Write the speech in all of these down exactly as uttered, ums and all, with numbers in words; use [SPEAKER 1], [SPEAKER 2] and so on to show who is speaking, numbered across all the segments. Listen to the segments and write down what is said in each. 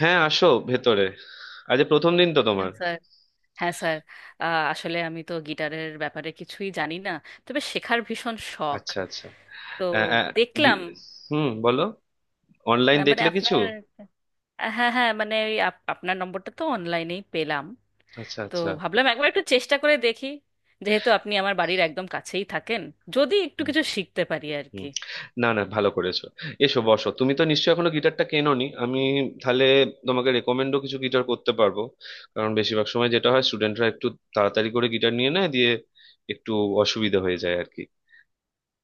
[SPEAKER 1] হ্যাঁ, আসো ভেতরে। আজ এ প্রথম দিন তো
[SPEAKER 2] হ্যাঁ
[SPEAKER 1] তোমার?
[SPEAKER 2] স্যার। হ্যাঁ স্যার। আহ, আসলে আমি তো গিটারের ব্যাপারে কিছুই জানি না, তবে শেখার ভীষণ শখ।
[SPEAKER 1] আচ্ছা আচ্ছা।
[SPEAKER 2] তো
[SPEAKER 1] আ, আ,
[SPEAKER 2] দেখলাম
[SPEAKER 1] গি- হুম, বলো। অনলাইন
[SPEAKER 2] আহ, মানে
[SPEAKER 1] দেখলে কিছু?
[SPEAKER 2] আপনার, হ্যাঁ হ্যাঁ, মানে ওই আপ- আপনার নম্বরটা তো অনলাইনেই পেলাম।
[SPEAKER 1] আচ্ছা
[SPEAKER 2] তো
[SPEAKER 1] আচ্ছা।
[SPEAKER 2] ভাবলাম একবার একটু চেষ্টা করে দেখি, যেহেতু আপনি আমার বাড়ির একদম কাছেই থাকেন, যদি একটু
[SPEAKER 1] হুম,
[SPEAKER 2] কিছু শিখতে পারি আর
[SPEAKER 1] হুম।
[SPEAKER 2] কি।
[SPEAKER 1] না না, ভালো করেছো। এসো বসো, তুমি তো নিশ্চয়ই এখনো গিটারটা কেনোনি। আমি তাহলে তোমাকে রেকমেন্ডও কিছু গিটার করতে পারবো। কারণ বেশিরভাগ সময় যেটা হয়, স্টুডেন্টরা একটু তাড়াতাড়ি করে গিটার নিয়ে নেয়, দিয়ে একটু অসুবিধা হয়ে যায় আর কি।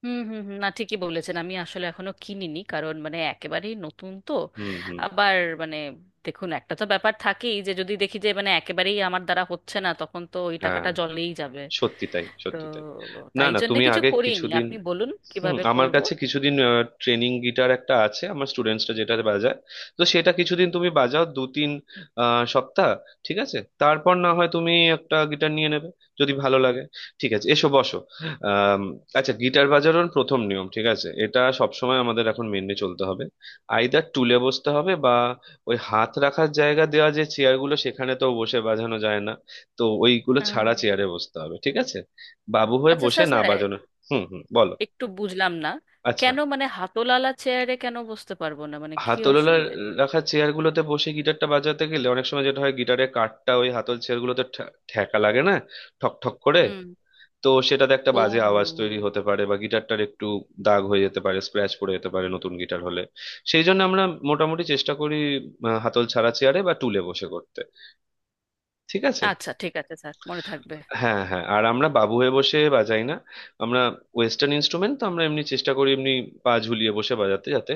[SPEAKER 2] হুম হুম হুম, না ঠিকই বলেছেন, আমি আসলে এখনো কিনিনি, কারণ মানে একেবারেই নতুন তো।
[SPEAKER 1] হুম হুম।
[SPEAKER 2] আবার মানে, দেখুন একটা তো ব্যাপার থাকেই, যে যদি দেখি যে মানে একেবারেই আমার দ্বারা হচ্ছে না, তখন তো ওই
[SPEAKER 1] হ্যাঁ,
[SPEAKER 2] টাকাটা জলেই যাবে।
[SPEAKER 1] সত্যি তাই,
[SPEAKER 2] তো
[SPEAKER 1] সত্যি তাই। না
[SPEAKER 2] তাই
[SPEAKER 1] না,
[SPEAKER 2] জন্য
[SPEAKER 1] তুমি
[SPEAKER 2] কিছু
[SPEAKER 1] আগে
[SPEAKER 2] করিনি,
[SPEAKER 1] কিছুদিন,
[SPEAKER 2] আপনি বলুন
[SPEAKER 1] হুম,
[SPEAKER 2] কিভাবে
[SPEAKER 1] আমার
[SPEAKER 2] করব।
[SPEAKER 1] কাছে কিছুদিন ট্রেনিং গিটার একটা আছে, আমার স্টুডেন্টসরা যেটা বাজায়। তো সেটা কিছুদিন তুমি বাজাও, দু তিন আহ, সপ্তাহ। ঠিক আছে, তারপর না হয় তুমি একটা গিটার নিয়ে নেবে, যদি ভালো লাগে। ঠিক আছে, এসো বসো। আম, আচ্ছা, গিটার বাজানোর প্রথম নিয়ম, ঠিক আছে, এটা সবসময় আমাদের এখন মেনে চলতে হবে। আইদার টুলে বসতে হবে, বা ওই হাত রাখার জায়গা দেওয়া যে চেয়ারগুলো, সেখানে তো বসে বাজানো যায় না। তো ওইগুলো
[SPEAKER 2] আহ,
[SPEAKER 1] ছাড়া চেয়ারে বসতে হবে, ঠিক আছে? বাবু হয়ে
[SPEAKER 2] আচ্ছা
[SPEAKER 1] বসে
[SPEAKER 2] স্যার,
[SPEAKER 1] না
[SPEAKER 2] স্যার
[SPEAKER 1] বাজানো। হুম হুম, বলো।
[SPEAKER 2] একটু বুঝলাম না,
[SPEAKER 1] আচ্ছা,
[SPEAKER 2] কেন মানে হাতলালা চেয়ারে কেন বসতে পারবো না, মানে কি
[SPEAKER 1] হাতলওয়ালা
[SPEAKER 2] অসুবিধে?
[SPEAKER 1] রাখা চেয়ারগুলোতে বসে গিটারটা বাজাতে গেলে অনেক সময় যেটা হয়, গিটারের কাঠটা ওই হাতল চেয়ারগুলোতে ঠ্যা- ঠেকা লাগে না, ঠক ঠক করে।
[SPEAKER 2] হুম।
[SPEAKER 1] তো সেটাতে একটা
[SPEAKER 2] ও
[SPEAKER 1] বাজে আওয়াজ তৈরি হতে পারে, বা গিটারটার একটু দাগ হয়ে যেতে পারে, স্ক্র্যাচ পড়ে যেতে পারে নতুন গিটার হলে। সেই জন্য আমরা মোটামুটি চেষ্টা করি আহ, হাতল ছাড়া চেয়ারে বা টুলে বসে করতে, ঠিক আছে।
[SPEAKER 2] আচ্ছা, ঠিক আছে স্যার, মনে থাকবে।
[SPEAKER 1] হ্যাঁ হ্যাঁ, আর আমরা বাবু হয়ে বসে বাজাই না। আমরা ওয়েস্টার্ন ইনস্ট্রুমেন্ট তো আমরা এমনি চেষ্টা করি, এমনি পা ঝুলিয়ে বসে বাজাতে, যাতে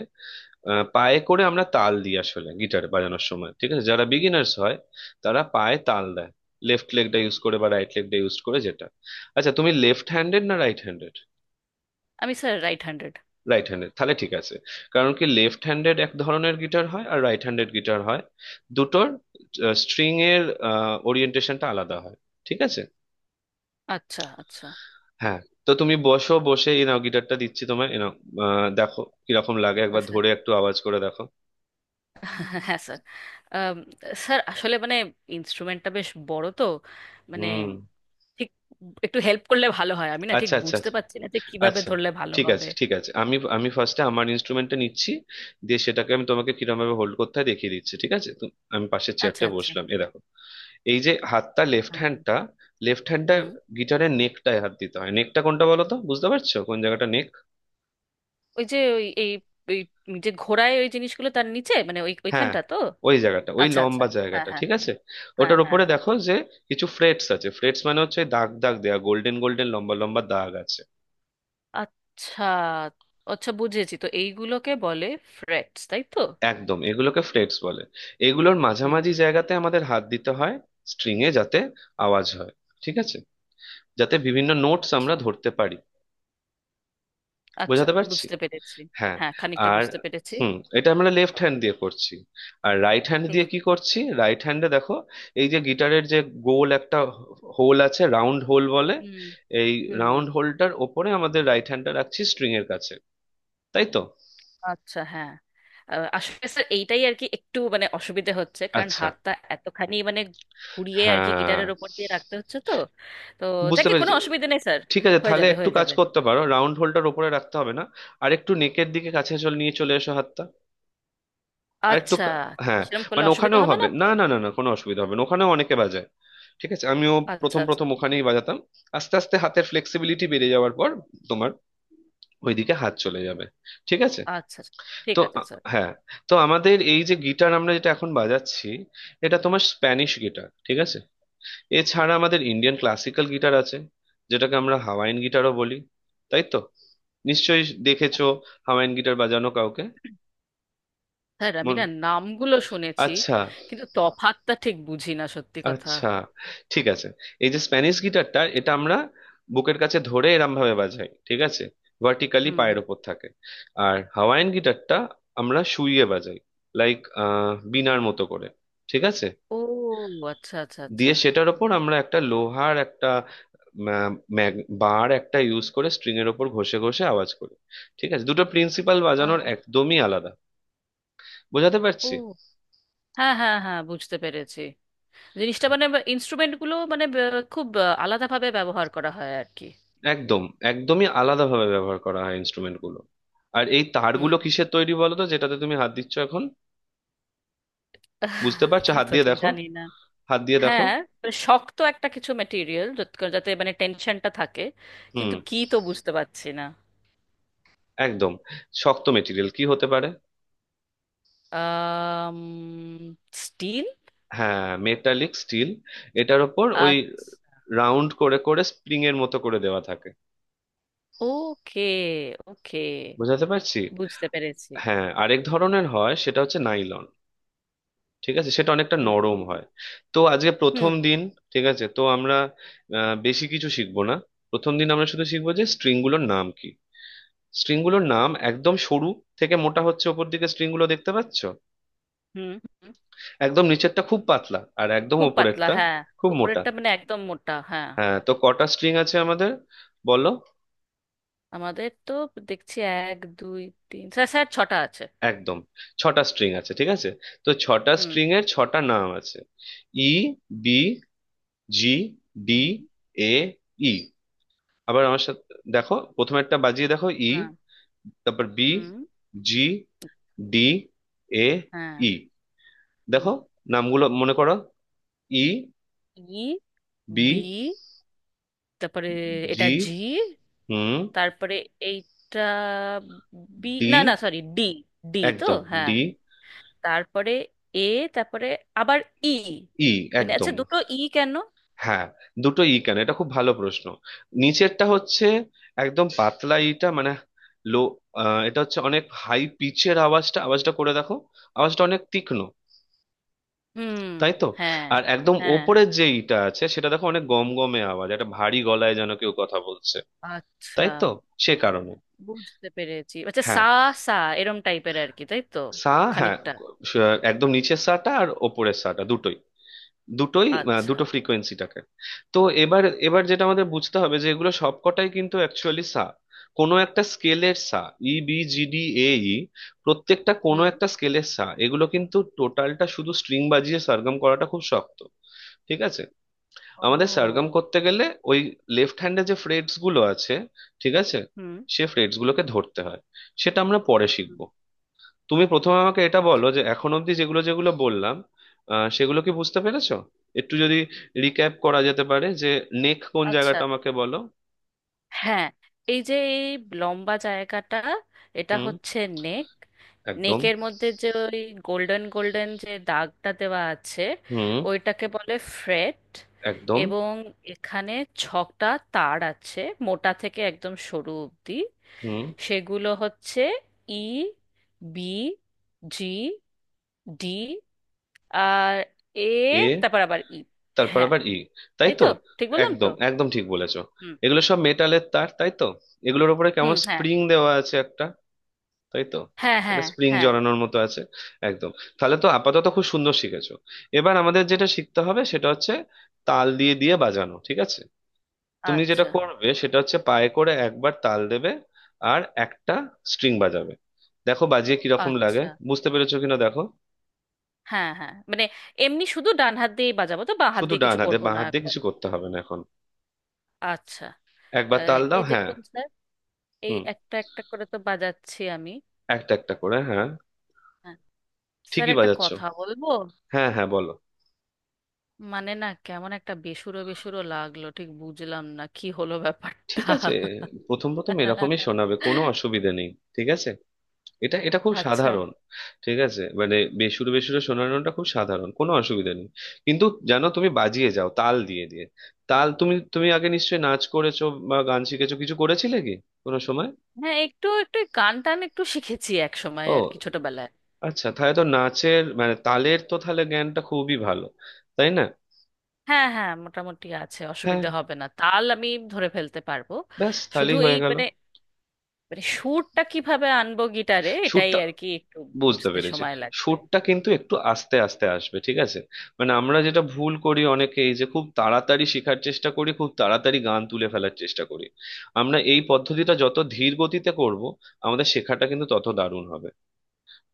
[SPEAKER 1] আহ, পায়ে করে আমরা তাল দিই আসলে গিটার বাজানোর সময়, ঠিক আছে। যারা বিগিনার্স হয়, তারা পায়ে তাল দেয়, লেফট লেগটা ইউজ করে বা রাইট লেগটা ইউজ করে যেটা। আচ্ছা, তুমি লেফট হ্যান্ডেড না রাইট হ্যান্ডেড?
[SPEAKER 2] আমি sir right handed.
[SPEAKER 1] Right handed, তাহলে ঠিক আছে। কারণ কি, লেফট হ্যান্ডেড এক ধরনের গিটার হয় আর রাইট হ্যান্ডেড গিটার হয়, দুটোর স্ট্রিং এর ওরিয়েন্টেশনটা আলাদা হয়, ঠিক আছে।
[SPEAKER 2] আচ্ছা আচ্ছা
[SPEAKER 1] হ্যাঁ, তো তুমি বসো, বসে এই নাও, গিটারটা দিচ্ছি তোমায়, এই নাও। আহ, দেখো কিরকম লাগে, একবার
[SPEAKER 2] আচ্ছা।
[SPEAKER 1] ধরে একটু আওয়াজ করে দেখো।
[SPEAKER 2] হ্যাঁ স্যার। আম, স্যার আসলে মানে ইনস্ট্রুমেন্টটা বেশ বড় তো, মানে
[SPEAKER 1] হুম।
[SPEAKER 2] ঠিক, একটু হেল্প করলে ভালো হয়, আমি না ঠিক
[SPEAKER 1] আচ্ছা আচ্ছা
[SPEAKER 2] বুঝতে
[SPEAKER 1] আচ্ছা
[SPEAKER 2] পারছি না যে কিভাবে
[SPEAKER 1] আচ্ছা।
[SPEAKER 2] ধরলে ভালো
[SPEAKER 1] ঠিক
[SPEAKER 2] হবে।
[SPEAKER 1] আছে, ঠিক আছে, আমি আমি ফার্স্টে আমার ইনস্ট্রুমেন্টটা নিচ্ছি। দিয়ে সেটাকে আমি তোমাকে কিরকম ভাবে হোল্ড করতে হয় দেখিয়ে দিচ্ছি, ঠিক আছে। তো আমি পাশের
[SPEAKER 2] আচ্ছা
[SPEAKER 1] চেয়ারটা
[SPEAKER 2] আচ্ছা।
[SPEAKER 1] বসলাম, এ দেখো। এই যে হাতটা, লেফট
[SPEAKER 2] হুম
[SPEAKER 1] হ্যান্ডটা, লেফট হ্যান্ডটা
[SPEAKER 2] হুম।
[SPEAKER 1] গিটারের নেকটায় হাত দিতে হয়। নেকটা কোনটা বলো তো, বুঝতে পারছো কোন জায়গাটা নেক?
[SPEAKER 2] ওই যে ওই এই ওই যে ঘোড়ায় ওই জিনিসগুলো, তার নিচে মানে ওই
[SPEAKER 1] হ্যাঁ,
[SPEAKER 2] ওইখানটা তো।
[SPEAKER 1] ওই জায়গাটা, ওই
[SPEAKER 2] আচ্ছা আচ্ছা।
[SPEAKER 1] লম্বা
[SPEAKER 2] হ্যাঁ
[SPEAKER 1] জায়গাটা,
[SPEAKER 2] হ্যাঁ।
[SPEAKER 1] ঠিক আছে।
[SPEAKER 2] হ্যাঁ
[SPEAKER 1] ওটার
[SPEAKER 2] হ্যাঁ
[SPEAKER 1] উপরে
[SPEAKER 2] হ্যাঁ।
[SPEAKER 1] দেখো যে কিছু ফ্রেটস আছে। ফ্রেটস মানে হচ্ছে ওই দাগ দাগ দেয়া, গোল্ডেন গোল্ডেন লম্বা লম্বা দাগ আছে।
[SPEAKER 2] আচ্ছা আচ্ছা, বুঝেছি, তো এইগুলোকে বলে ফ্রেটস, তাই তো?
[SPEAKER 1] একদম, এগুলোকে ফ্রেটস বলে। এগুলোর
[SPEAKER 2] হুম।
[SPEAKER 1] মাঝামাঝি জায়গাতে আমাদের হাত দিতে হয় স্ট্রিং এ, যাতে আওয়াজ হয়, ঠিক আছে, যাতে বিভিন্ন নোটস আমরা
[SPEAKER 2] আচ্ছা
[SPEAKER 1] ধরতে পারি।
[SPEAKER 2] আচ্ছা,
[SPEAKER 1] বোঝাতে পারছি?
[SPEAKER 2] বুঝতে পেরেছি।
[SPEAKER 1] হ্যাঁ।
[SPEAKER 2] হ্যাঁ খানিকটা
[SPEAKER 1] আর
[SPEAKER 2] বুঝতে পেরেছি।
[SPEAKER 1] হুম, এটা আমরা লেফট হ্যান্ড দিয়ে করছি। আর রাইট হ্যান্ড দিয়ে
[SPEAKER 2] হুম
[SPEAKER 1] কি করছি, রাইট হ্যান্ডে দেখো। এই যে গিটারের যে গোল একটা হোল আছে, রাউন্ড হোল বলে
[SPEAKER 2] হুম
[SPEAKER 1] এই।
[SPEAKER 2] হুম হুম।
[SPEAKER 1] রাউন্ড হোলটার ওপরে আমাদের রাইট হ্যান্ডটা রাখছি স্ট্রিং এর কাছে, তাই তো।
[SPEAKER 2] আচ্ছা হ্যাঁ। আহ, আসলে স্যার এইটাই আর কি, একটু মানে অসুবিধে হচ্ছে, কারণ
[SPEAKER 1] আচ্ছা
[SPEAKER 2] হাতটা এতখানি মানে ঘুরিয়ে আর কি
[SPEAKER 1] হ্যাঁ,
[SPEAKER 2] গিটারের ওপর দিয়ে রাখতে হচ্ছে তো। তো
[SPEAKER 1] বুঝতে
[SPEAKER 2] যাকে কোনো
[SPEAKER 1] পেরেছি।
[SPEAKER 2] অসুবিধে নেই স্যার,
[SPEAKER 1] ঠিক আছে,
[SPEAKER 2] হয়ে
[SPEAKER 1] তাহলে
[SPEAKER 2] যাবে
[SPEAKER 1] একটু
[SPEAKER 2] হয়ে
[SPEAKER 1] কাজ
[SPEAKER 2] যাবে।
[SPEAKER 1] করতে পারো, রাউন্ড হোলটার ওপরে রাখতে হবে না, আর একটু নেকের দিকে কাছে চলে, নিয়ে চলে এসো হাতটা, আর একটু
[SPEAKER 2] আচ্ছা।
[SPEAKER 1] কা- হ্যাঁ।
[SPEAKER 2] সেরকম করলে
[SPEAKER 1] মানে
[SPEAKER 2] অসুবিধা
[SPEAKER 1] ওখানেও
[SPEAKER 2] হবে না
[SPEAKER 1] হবে
[SPEAKER 2] তো?
[SPEAKER 1] না, না না না কোনো অসুবিধা হবে না, ওখানেও অনেকে বাজায়, ঠিক আছে। আমিও
[SPEAKER 2] আচ্ছা
[SPEAKER 1] প্রথম
[SPEAKER 2] আচ্ছা
[SPEAKER 1] প্রথম ওখানেই বাজাতাম। আস্তে আস্তে হাতের ফ্লেক্সিবিলিটি বেড়ে যাওয়ার পর তোমার ওইদিকে হাত চলে যাবে, ঠিক আছে।
[SPEAKER 2] আচ্ছা। ঠিক
[SPEAKER 1] তো
[SPEAKER 2] আছে
[SPEAKER 1] আ-
[SPEAKER 2] স্যার।
[SPEAKER 1] হ্যাঁ, তো আমাদের এই যে গিটার আমরা যেটা এখন বাজাচ্ছি, এটা তোমার স্প্যানিশ গিটার, ঠিক আছে। এছাড়া আমাদের ইন্ডিয়ান ক্লাসিক্যাল গিটার আছে, যেটাকে আমরা হাওয়াইন গিটারও বলি, তাই তো। নিশ্চয়ই দেখেছো হাওয়াইন গিটার বাজানো কাউকে।
[SPEAKER 2] স্যার আমি
[SPEAKER 1] মন।
[SPEAKER 2] না নামগুলো শুনেছি,
[SPEAKER 1] আচ্ছা
[SPEAKER 2] কিন্তু তফাতটা ঠিক বুঝি না সত্যি কথা।
[SPEAKER 1] আচ্ছা, ঠিক আছে। এই যে স্প্যানিশ গিটারটা, এটা আমরা বুকের কাছে ধরে এরম ভাবে বাজাই, ঠিক আছে, ভার্টিক্যালি
[SPEAKER 2] হুম
[SPEAKER 1] পায়ের
[SPEAKER 2] হুম।
[SPEAKER 1] ওপর থাকে। আর হাওয়াইয়ান গিটারটা আমরা শুইয়ে বাজাই, লাইক বীণার মতো করে, ঠিক আছে।
[SPEAKER 2] ও আচ্ছা আচ্ছা আচ্ছা।
[SPEAKER 1] দিয়ে সেটার ওপর আমরা একটা লোহার একটা ম্যা- ম্যাগ- বার একটা ইউজ করে স্ট্রিং এর ওপর ঘষে ঘষে আওয়াজ করি, ঠিক আছে। দুটো প্রিন্সিপাল বাজানোর
[SPEAKER 2] আর?
[SPEAKER 1] একদমই আলাদা। বোঝাতে পারছি?
[SPEAKER 2] ও হ্যাঁ হ্যাঁ হ্যাঁ, বুঝতে পেরেছি, জিনিসটা মানে ইনস্ট্রুমেন্টগুলো মানে ব- খুব আহ, আলাদাভাবে ব্যবহার করা হয় আর কি।
[SPEAKER 1] একদম, একদমই আলাদাভাবে ব্যবহার করা হয় ইনস্ট্রুমেন্ট গুলো। আর এই
[SPEAKER 2] হুম
[SPEAKER 1] তারগুলো
[SPEAKER 2] হুম।
[SPEAKER 1] কিসের তৈরি বলো তো, যেটাতে তুমি হাত দিচ্ছ এখন? বুঝতে পারছো?
[SPEAKER 2] তা
[SPEAKER 1] হাত
[SPEAKER 2] তো
[SPEAKER 1] দিয়ে
[SPEAKER 2] ঠিক
[SPEAKER 1] দেখো,
[SPEAKER 2] জানি না।
[SPEAKER 1] হাত দিয়ে দেখো।
[SPEAKER 2] হ্যাঁ, মানে শক্ত একটা কিছু মেটেরিয়াল, যাতে মানে টেনশনটা থাকে,
[SPEAKER 1] হুম।
[SPEAKER 2] কিন্তু কি তো বুঝতে পারছি না।
[SPEAKER 1] একদম। শক্ত মেটেরিয়াল কি হতে পারে?
[SPEAKER 2] আম স্টিল।
[SPEAKER 1] হ্যাঁ, মেটালিক স্টিল। এটার ওপর ওই
[SPEAKER 2] আচ্ছা।
[SPEAKER 1] রাউন্ড করে করে স্প্রিং এর মতো করে দেওয়া থাকে।
[SPEAKER 2] ওকে, ওকে,
[SPEAKER 1] বুঝাতে পারছি?
[SPEAKER 2] বুঝতে পেরেছি।
[SPEAKER 1] হ্যাঁ, আরেক ধরনের হয়, সেটা হচ্ছে নাইলন, ঠিক আছে, সেটা অনেকটা
[SPEAKER 2] হুম
[SPEAKER 1] নরম
[SPEAKER 2] হুম
[SPEAKER 1] হয়। তো আজকে প্রথম
[SPEAKER 2] হুম
[SPEAKER 1] দিন, ঠিক আছে, তো আমরা আহ, বেশি কিছু শিখবো না। প্রথম দিন আমরা শুধু শিখবো যে স্ট্রিংগুলোর নাম কি। স্ট্রিংগুলোর নাম একদম সরু থেকে মোটা হচ্ছে, ওপর দিকে স্ট্রিংগুলো দেখতে পাচ্ছ।
[SPEAKER 2] হুম, হুম।
[SPEAKER 1] একদম নিচেরটা খুব পাতলা আর একদম
[SPEAKER 2] খুব পাতলা,
[SPEAKER 1] ওপরেরটা
[SPEAKER 2] হ্যাঁ।
[SPEAKER 1] খুব মোটা।
[SPEAKER 2] ওপরেরটা মানে একদম মোটা, হ্যাঁ।
[SPEAKER 1] হ্যাঁ, তো কটা স্ট্রিং আছে আমাদের, বলো।
[SPEAKER 2] আমাদের তো, দেখছি, এক দুই তিন, স্যার স্যার ছটা আছে।
[SPEAKER 1] একদম, ছটা স্ট্রিং আছে, ঠিক আছে। তো ছটা
[SPEAKER 2] হুম
[SPEAKER 1] স্ট্রিং এর ছটা নাম আছে। ই, বি, জি, ডি,
[SPEAKER 2] হুম।
[SPEAKER 1] A, E. আবার আমার সাথে দেখো, প্রথমে একটা বাজিয়ে দেখো, ই,
[SPEAKER 2] হ্যাঁ।
[SPEAKER 1] তারপর বি,
[SPEAKER 2] হুম।
[SPEAKER 1] জি, ডি, এ,
[SPEAKER 2] হ্যাঁ।
[SPEAKER 1] ই।
[SPEAKER 2] হুম।
[SPEAKER 1] দেখো, নামগুলো মনে করো। E,
[SPEAKER 2] E.
[SPEAKER 1] B,
[SPEAKER 2] B. তারপরে এটা
[SPEAKER 1] জি,
[SPEAKER 2] জি।
[SPEAKER 1] হুম,
[SPEAKER 2] তারপরে এইটা বি,
[SPEAKER 1] ডি।
[SPEAKER 2] না না, সরি, ডি। ডি তো?
[SPEAKER 1] একদম,
[SPEAKER 2] হ্যাঁ।
[SPEAKER 1] ডি,
[SPEAKER 2] তারপরে এ। তারপরে আবার ই।
[SPEAKER 1] ই।
[SPEAKER 2] মানে আচ্ছা,
[SPEAKER 1] একদম,
[SPEAKER 2] দুটো ই কেন?
[SPEAKER 1] হ্যাঁ, দুটো ই কেন, এটা খুব ভালো প্রশ্ন। নিচেরটা হচ্ছে একদম পাতলা ইটা, মানে লো, আহ, এটা হচ্ছে অনেক হাই পিচের আওয়াজটা, আওয়াজটা করে দেখো, আওয়াজটা অনেক তীক্ষ্ণ,
[SPEAKER 2] হুম।
[SPEAKER 1] তাই তো।
[SPEAKER 2] হ্যাঁ
[SPEAKER 1] আর একদম
[SPEAKER 2] হ্যাঁ হ্যাঁ।
[SPEAKER 1] ওপরের যে ইটা আছে, সেটা দেখো অনেক গমগমে আওয়াজ, একটা ভারী গলায় যেন কেউ কথা বলছে,
[SPEAKER 2] আচ্ছা,
[SPEAKER 1] তাই তো। সে কারণে।
[SPEAKER 2] বুঝতে পেরেছি। আচ্ছা সা।
[SPEAKER 1] হ্যাঁ,
[SPEAKER 2] সা এরম টাইপের আর কি, তাই তো?
[SPEAKER 1] সা। হ্যাঁ,
[SPEAKER 2] খানিকটা।
[SPEAKER 1] স- একদম নিচের সাটা আর ওপরের সাটা দুটোই, দুটোই আহ,
[SPEAKER 2] আচ্ছা।
[SPEAKER 1] দুটো ফ্রিকোয়েন্সিটাকে। তো এবার এবার যেটা আমাদের বুঝতে হবে যে এগুলো সবকটাই কিন্তু অ্যাকচুয়ালি সা, কোনো একটা স্কেলের সা। E, B, G, D, A, E, প্রত্যেকটা কোনো
[SPEAKER 2] হুম।
[SPEAKER 1] একটা স্কেলের সা। এগুলো কিন্তু টোটালটা শুধু স্ট্রিং বাজিয়ে সরগম করাটা খুব শক্ত, ঠিক আছে। আমাদের সারগম
[SPEAKER 2] ও।
[SPEAKER 1] করতে গেলে ওই লেফট হ্যান্ডে যে ফ্রেটস গুলো আছে, ঠিক আছে,
[SPEAKER 2] হুম।
[SPEAKER 1] সে ফ্রেটস গুলোকে ধরতে হয়। সেটা আমরা পরে শিখবো। তুমি প্রথমে আমাকে এটা বলো যে এখন অবধি যেগুলো যেগুলো বললাম, আহ, সেগুলো কি বুঝতে পেরেছো? একটু যদি রিক্যাপ করা যেতে পারে, যে নেক কোন
[SPEAKER 2] আচ্ছা
[SPEAKER 1] জায়গাটা আমাকে বলো।
[SPEAKER 2] হ্যাঁ। এই যে এই লম্বা জায়গাটা, এটা
[SPEAKER 1] হুম।
[SPEAKER 2] হচ্ছে নেক।
[SPEAKER 1] একদম।
[SPEAKER 2] নেকের মধ্যে যে ওই গোল্ডেন গোল্ডেন যে দাগটা দেওয়া আছে,
[SPEAKER 1] হুম।
[SPEAKER 2] ওইটাকে বলে ফ্রেট।
[SPEAKER 1] একদম।
[SPEAKER 2] এবং এখানে ছটা তার আছে, মোটা থেকে একদম সরু অবধি।
[SPEAKER 1] হুম।
[SPEAKER 2] সেগুলো হচ্ছে ই, বি, জি, ডি, আর এ।
[SPEAKER 1] এ,
[SPEAKER 2] তারপর আবার ই।
[SPEAKER 1] তারপর
[SPEAKER 2] হ্যাঁ,
[SPEAKER 1] আবার ই, তাই
[SPEAKER 2] তাই তো।
[SPEAKER 1] তো।
[SPEAKER 2] ঠিক বললাম তো?
[SPEAKER 1] একদম, একদম ঠিক বলেছো।
[SPEAKER 2] হুম
[SPEAKER 1] এগুলো সব মেটালের তার, তাই তো। এগুলোর উপরে
[SPEAKER 2] হুম।
[SPEAKER 1] কেমন
[SPEAKER 2] হ্যাঁ
[SPEAKER 1] স্প্রিং দেওয়া আছে একটা, তাই তো।
[SPEAKER 2] হ্যাঁ
[SPEAKER 1] এটা
[SPEAKER 2] হ্যাঁ
[SPEAKER 1] স্প্রিং
[SPEAKER 2] হ্যাঁ।
[SPEAKER 1] জড়ানোর মতো আছে। একদম। তাহলে তো আপাতত খুব সুন্দর শিখেছো। এবার আমাদের যেটা শিখতে হবে সেটা হচ্ছে তাল দিয়ে দিয়ে বাজানো, ঠিক আছে। তুমি যেটা
[SPEAKER 2] আচ্ছা
[SPEAKER 1] করবে সেটা হচ্ছে পায়ে করে একবার তাল দেবে আর একটা স্ট্রিং বাজাবে। দেখো বাজিয়ে কিরকম লাগে,
[SPEAKER 2] আচ্ছা।
[SPEAKER 1] বুঝতে পেরেছো কিনা দেখো।
[SPEAKER 2] হ্যাঁ হ্যাঁ, মানে এমনি শুধু ডান হাত দিয়েই বাজাবো তো, বাঁ হাত
[SPEAKER 1] শুধু
[SPEAKER 2] দিয়ে
[SPEAKER 1] ডান
[SPEAKER 2] কিছু
[SPEAKER 1] হাতে,
[SPEAKER 2] করব
[SPEAKER 1] বাঁ
[SPEAKER 2] না
[SPEAKER 1] হাত দিয়ে
[SPEAKER 2] এখন?
[SPEAKER 1] কিছু করতে হবে না এখন।
[SPEAKER 2] আচ্ছা।
[SPEAKER 1] একবার
[SPEAKER 2] আহ,
[SPEAKER 1] তাল দাও,
[SPEAKER 2] এই
[SPEAKER 1] হ্যাঁ।
[SPEAKER 2] দেখুন স্যার, এই
[SPEAKER 1] হুম,
[SPEAKER 2] একটা একটা করে তো বাজাচ্ছি আমি।
[SPEAKER 1] একটা একটা করে, হ্যাঁ,
[SPEAKER 2] হ্যাঁ। স্যার
[SPEAKER 1] ঠিকই
[SPEAKER 2] একটা
[SPEAKER 1] বাজাচ্ছো।
[SPEAKER 2] কথা বলবো,
[SPEAKER 1] হ্যাঁ হ্যাঁ, বলো।
[SPEAKER 2] মানে, না, কেমন একটা বেসুরো বেসুরো লাগলো, ঠিক বুঝলাম না কি হলো ব্যাপারটা।
[SPEAKER 1] ঠিক আছে, প্রথম প্রথম এরকমই শোনাবে, কোনো অসুবিধে নেই, ঠিক আছে, এটা এটা খুব
[SPEAKER 2] আচ্ছা।
[SPEAKER 1] সাধারণ। ঠিক আছে, মানে বেসুরো বেসুরো শোনানোটা খুব সাধারণ, কোনো অসুবিধা নেই। কিন্তু জানো, তুমি বাজিয়ে যাও তাল দিয়ে দিয়ে, তাল, তুমি তুমি আগে নিশ্চয়ই নাচ করেছো বা গান শিখেছো, কিছু করেছিলে কি কোনো সময়?
[SPEAKER 2] হ্যাঁ একটু একটু গান টান একটু শিখেছি এক সময়
[SPEAKER 1] ও,
[SPEAKER 2] আর কি, ছোটবেলায়।
[SPEAKER 1] আচ্ছা, তাহলে তো নাচের মানে তালের তো তাহলে জ্ঞানটা খুবই ভালো, তাই না।
[SPEAKER 2] হ্যাঁ হ্যাঁ মোটামুটি আছে,
[SPEAKER 1] হ্যাঁ,
[SPEAKER 2] অসুবিধা হবে না, তাল আমি ধরে ফেলতে পারবো।
[SPEAKER 1] ব্যাস,
[SPEAKER 2] শুধু
[SPEAKER 1] তাহলেই
[SPEAKER 2] এই
[SPEAKER 1] হয়ে গেল।
[SPEAKER 2] মানে মানে সুরটা কিভাবে আনবো গিটারে, এটাই
[SPEAKER 1] সুরটা,
[SPEAKER 2] আর কি, একটু
[SPEAKER 1] বুঝতে
[SPEAKER 2] বুঝতে
[SPEAKER 1] পেরেছি।
[SPEAKER 2] সময় লাগবে।
[SPEAKER 1] সুরটা কিন্তু একটু আস্তে আস্তে আসবে, ঠিক আছে। মানে আমরা যেটা ভুল করি অনেকে, এই যে খুব তাড়াতাড়ি শেখার চেষ্টা করি, খুব তাড়াতাড়ি গান তুলে ফেলার চেষ্টা করি, আমরা এই পদ্ধতিটা যত ধীর গতিতে করব, আমাদের শেখাটা কিন্তু তত দারুণ হবে।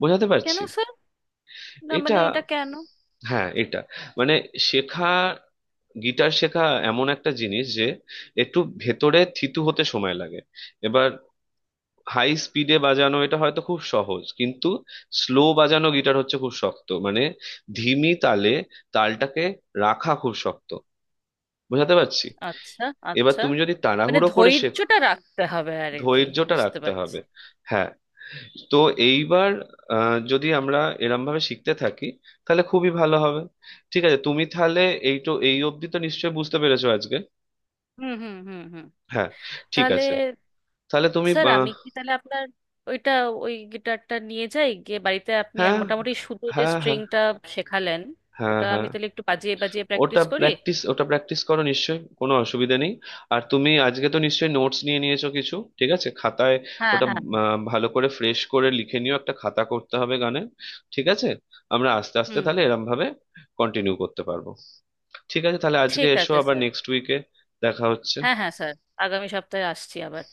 [SPEAKER 1] বোঝাতে
[SPEAKER 2] কেন
[SPEAKER 1] পারছি?
[SPEAKER 2] স্যার? না
[SPEAKER 1] এটা
[SPEAKER 2] মানে এটা কেন?
[SPEAKER 1] হ্যাঁ, এটা মানে শেখা, গিটার শেখা এমন একটা জিনিস যে একটু ভেতরে থিতু হতে সময় লাগে। এবার হাই স্পিডে বাজানো এটা হয়তো খুব সহজ, কিন্তু স্লো বাজানো গিটার হচ্ছে খুব শক্ত, মানে ধিমি তালে তালটাকে রাখা খুব শক্ত। বোঝাতে পারছি?
[SPEAKER 2] আচ্ছা
[SPEAKER 1] এবার
[SPEAKER 2] আচ্ছা।
[SPEAKER 1] তুমি যদি
[SPEAKER 2] মানে
[SPEAKER 1] তাড়াহুড়ো করে শেখো,
[SPEAKER 2] ধৈর্যটা রাখতে হবে আর কি।
[SPEAKER 1] ধৈর্যটা
[SPEAKER 2] বুঝতে
[SPEAKER 1] রাখতে
[SPEAKER 2] পারছি।
[SPEAKER 1] হবে। হ্যাঁ, তো এইবার আহ, যদি আমরা এরম ভাবে শিখতে থাকি, তাহলে খুবই ভালো হবে। ঠিক আছে, তুমি তাহলে এই তো, এই অবধি তো নিশ্চয়ই বুঝতে পেরেছো আজকে।
[SPEAKER 2] হুম হুম হুম হুম।
[SPEAKER 1] হ্যাঁ। ঠিক
[SPEAKER 2] তাহলে
[SPEAKER 1] আছে, তাহলে তুমি
[SPEAKER 2] স্যার
[SPEAKER 1] আহ,
[SPEAKER 2] আমি কি তাহলে আপনার ওইটা, ওই গিটারটা নিয়ে যাই গিয়ে বাড়িতে? আপনি
[SPEAKER 1] হ্যাঁ
[SPEAKER 2] আম- মোটামুটি শুধু যে
[SPEAKER 1] হ্যাঁ হ্যাঁ
[SPEAKER 2] স্ট্রিংটা শেখালেন,
[SPEAKER 1] হ্যাঁ
[SPEAKER 2] ওটা আমি
[SPEAKER 1] হ্যাঁ।
[SPEAKER 2] তাহলে একটু বাজিয়ে বাজিয়ে
[SPEAKER 1] ওটা
[SPEAKER 2] প্র্যাকটিস করি।
[SPEAKER 1] প্র্যাকটিস ওটা প্র্যাকটিস করো, নিশ্চয়ই কোনো অসুবিধা নেই। আর তুমি আজকে তো নিশ্চয়ই নোটস নিয়ে নিয়েছো কিছু, ঠিক আছে, খাতায়।
[SPEAKER 2] হ্যাঁ
[SPEAKER 1] ওটা
[SPEAKER 2] হ্যাঁ হ্যাঁ।
[SPEAKER 1] আহ, ভালো করে ফ্রেশ করে লিখে নিও, একটা খাতা করতে হবে গানের, ঠিক আছে। আমরা আস্তে আস্তে
[SPEAKER 2] হুম
[SPEAKER 1] তাহলে
[SPEAKER 2] হুম।
[SPEAKER 1] এরম ভাবে কন্টিনিউ করতে পারবো। ঠিক আছে, তাহলে আজকে
[SPEAKER 2] ঠিক
[SPEAKER 1] এসো,
[SPEAKER 2] আছে
[SPEAKER 1] আবার
[SPEAKER 2] স্যার।
[SPEAKER 1] নেক্সট উইকে দেখা হচ্ছে।
[SPEAKER 2] হ্যাঁ হ্যাঁ স্যার। আগামী সপ্তাহে আসছি আবার।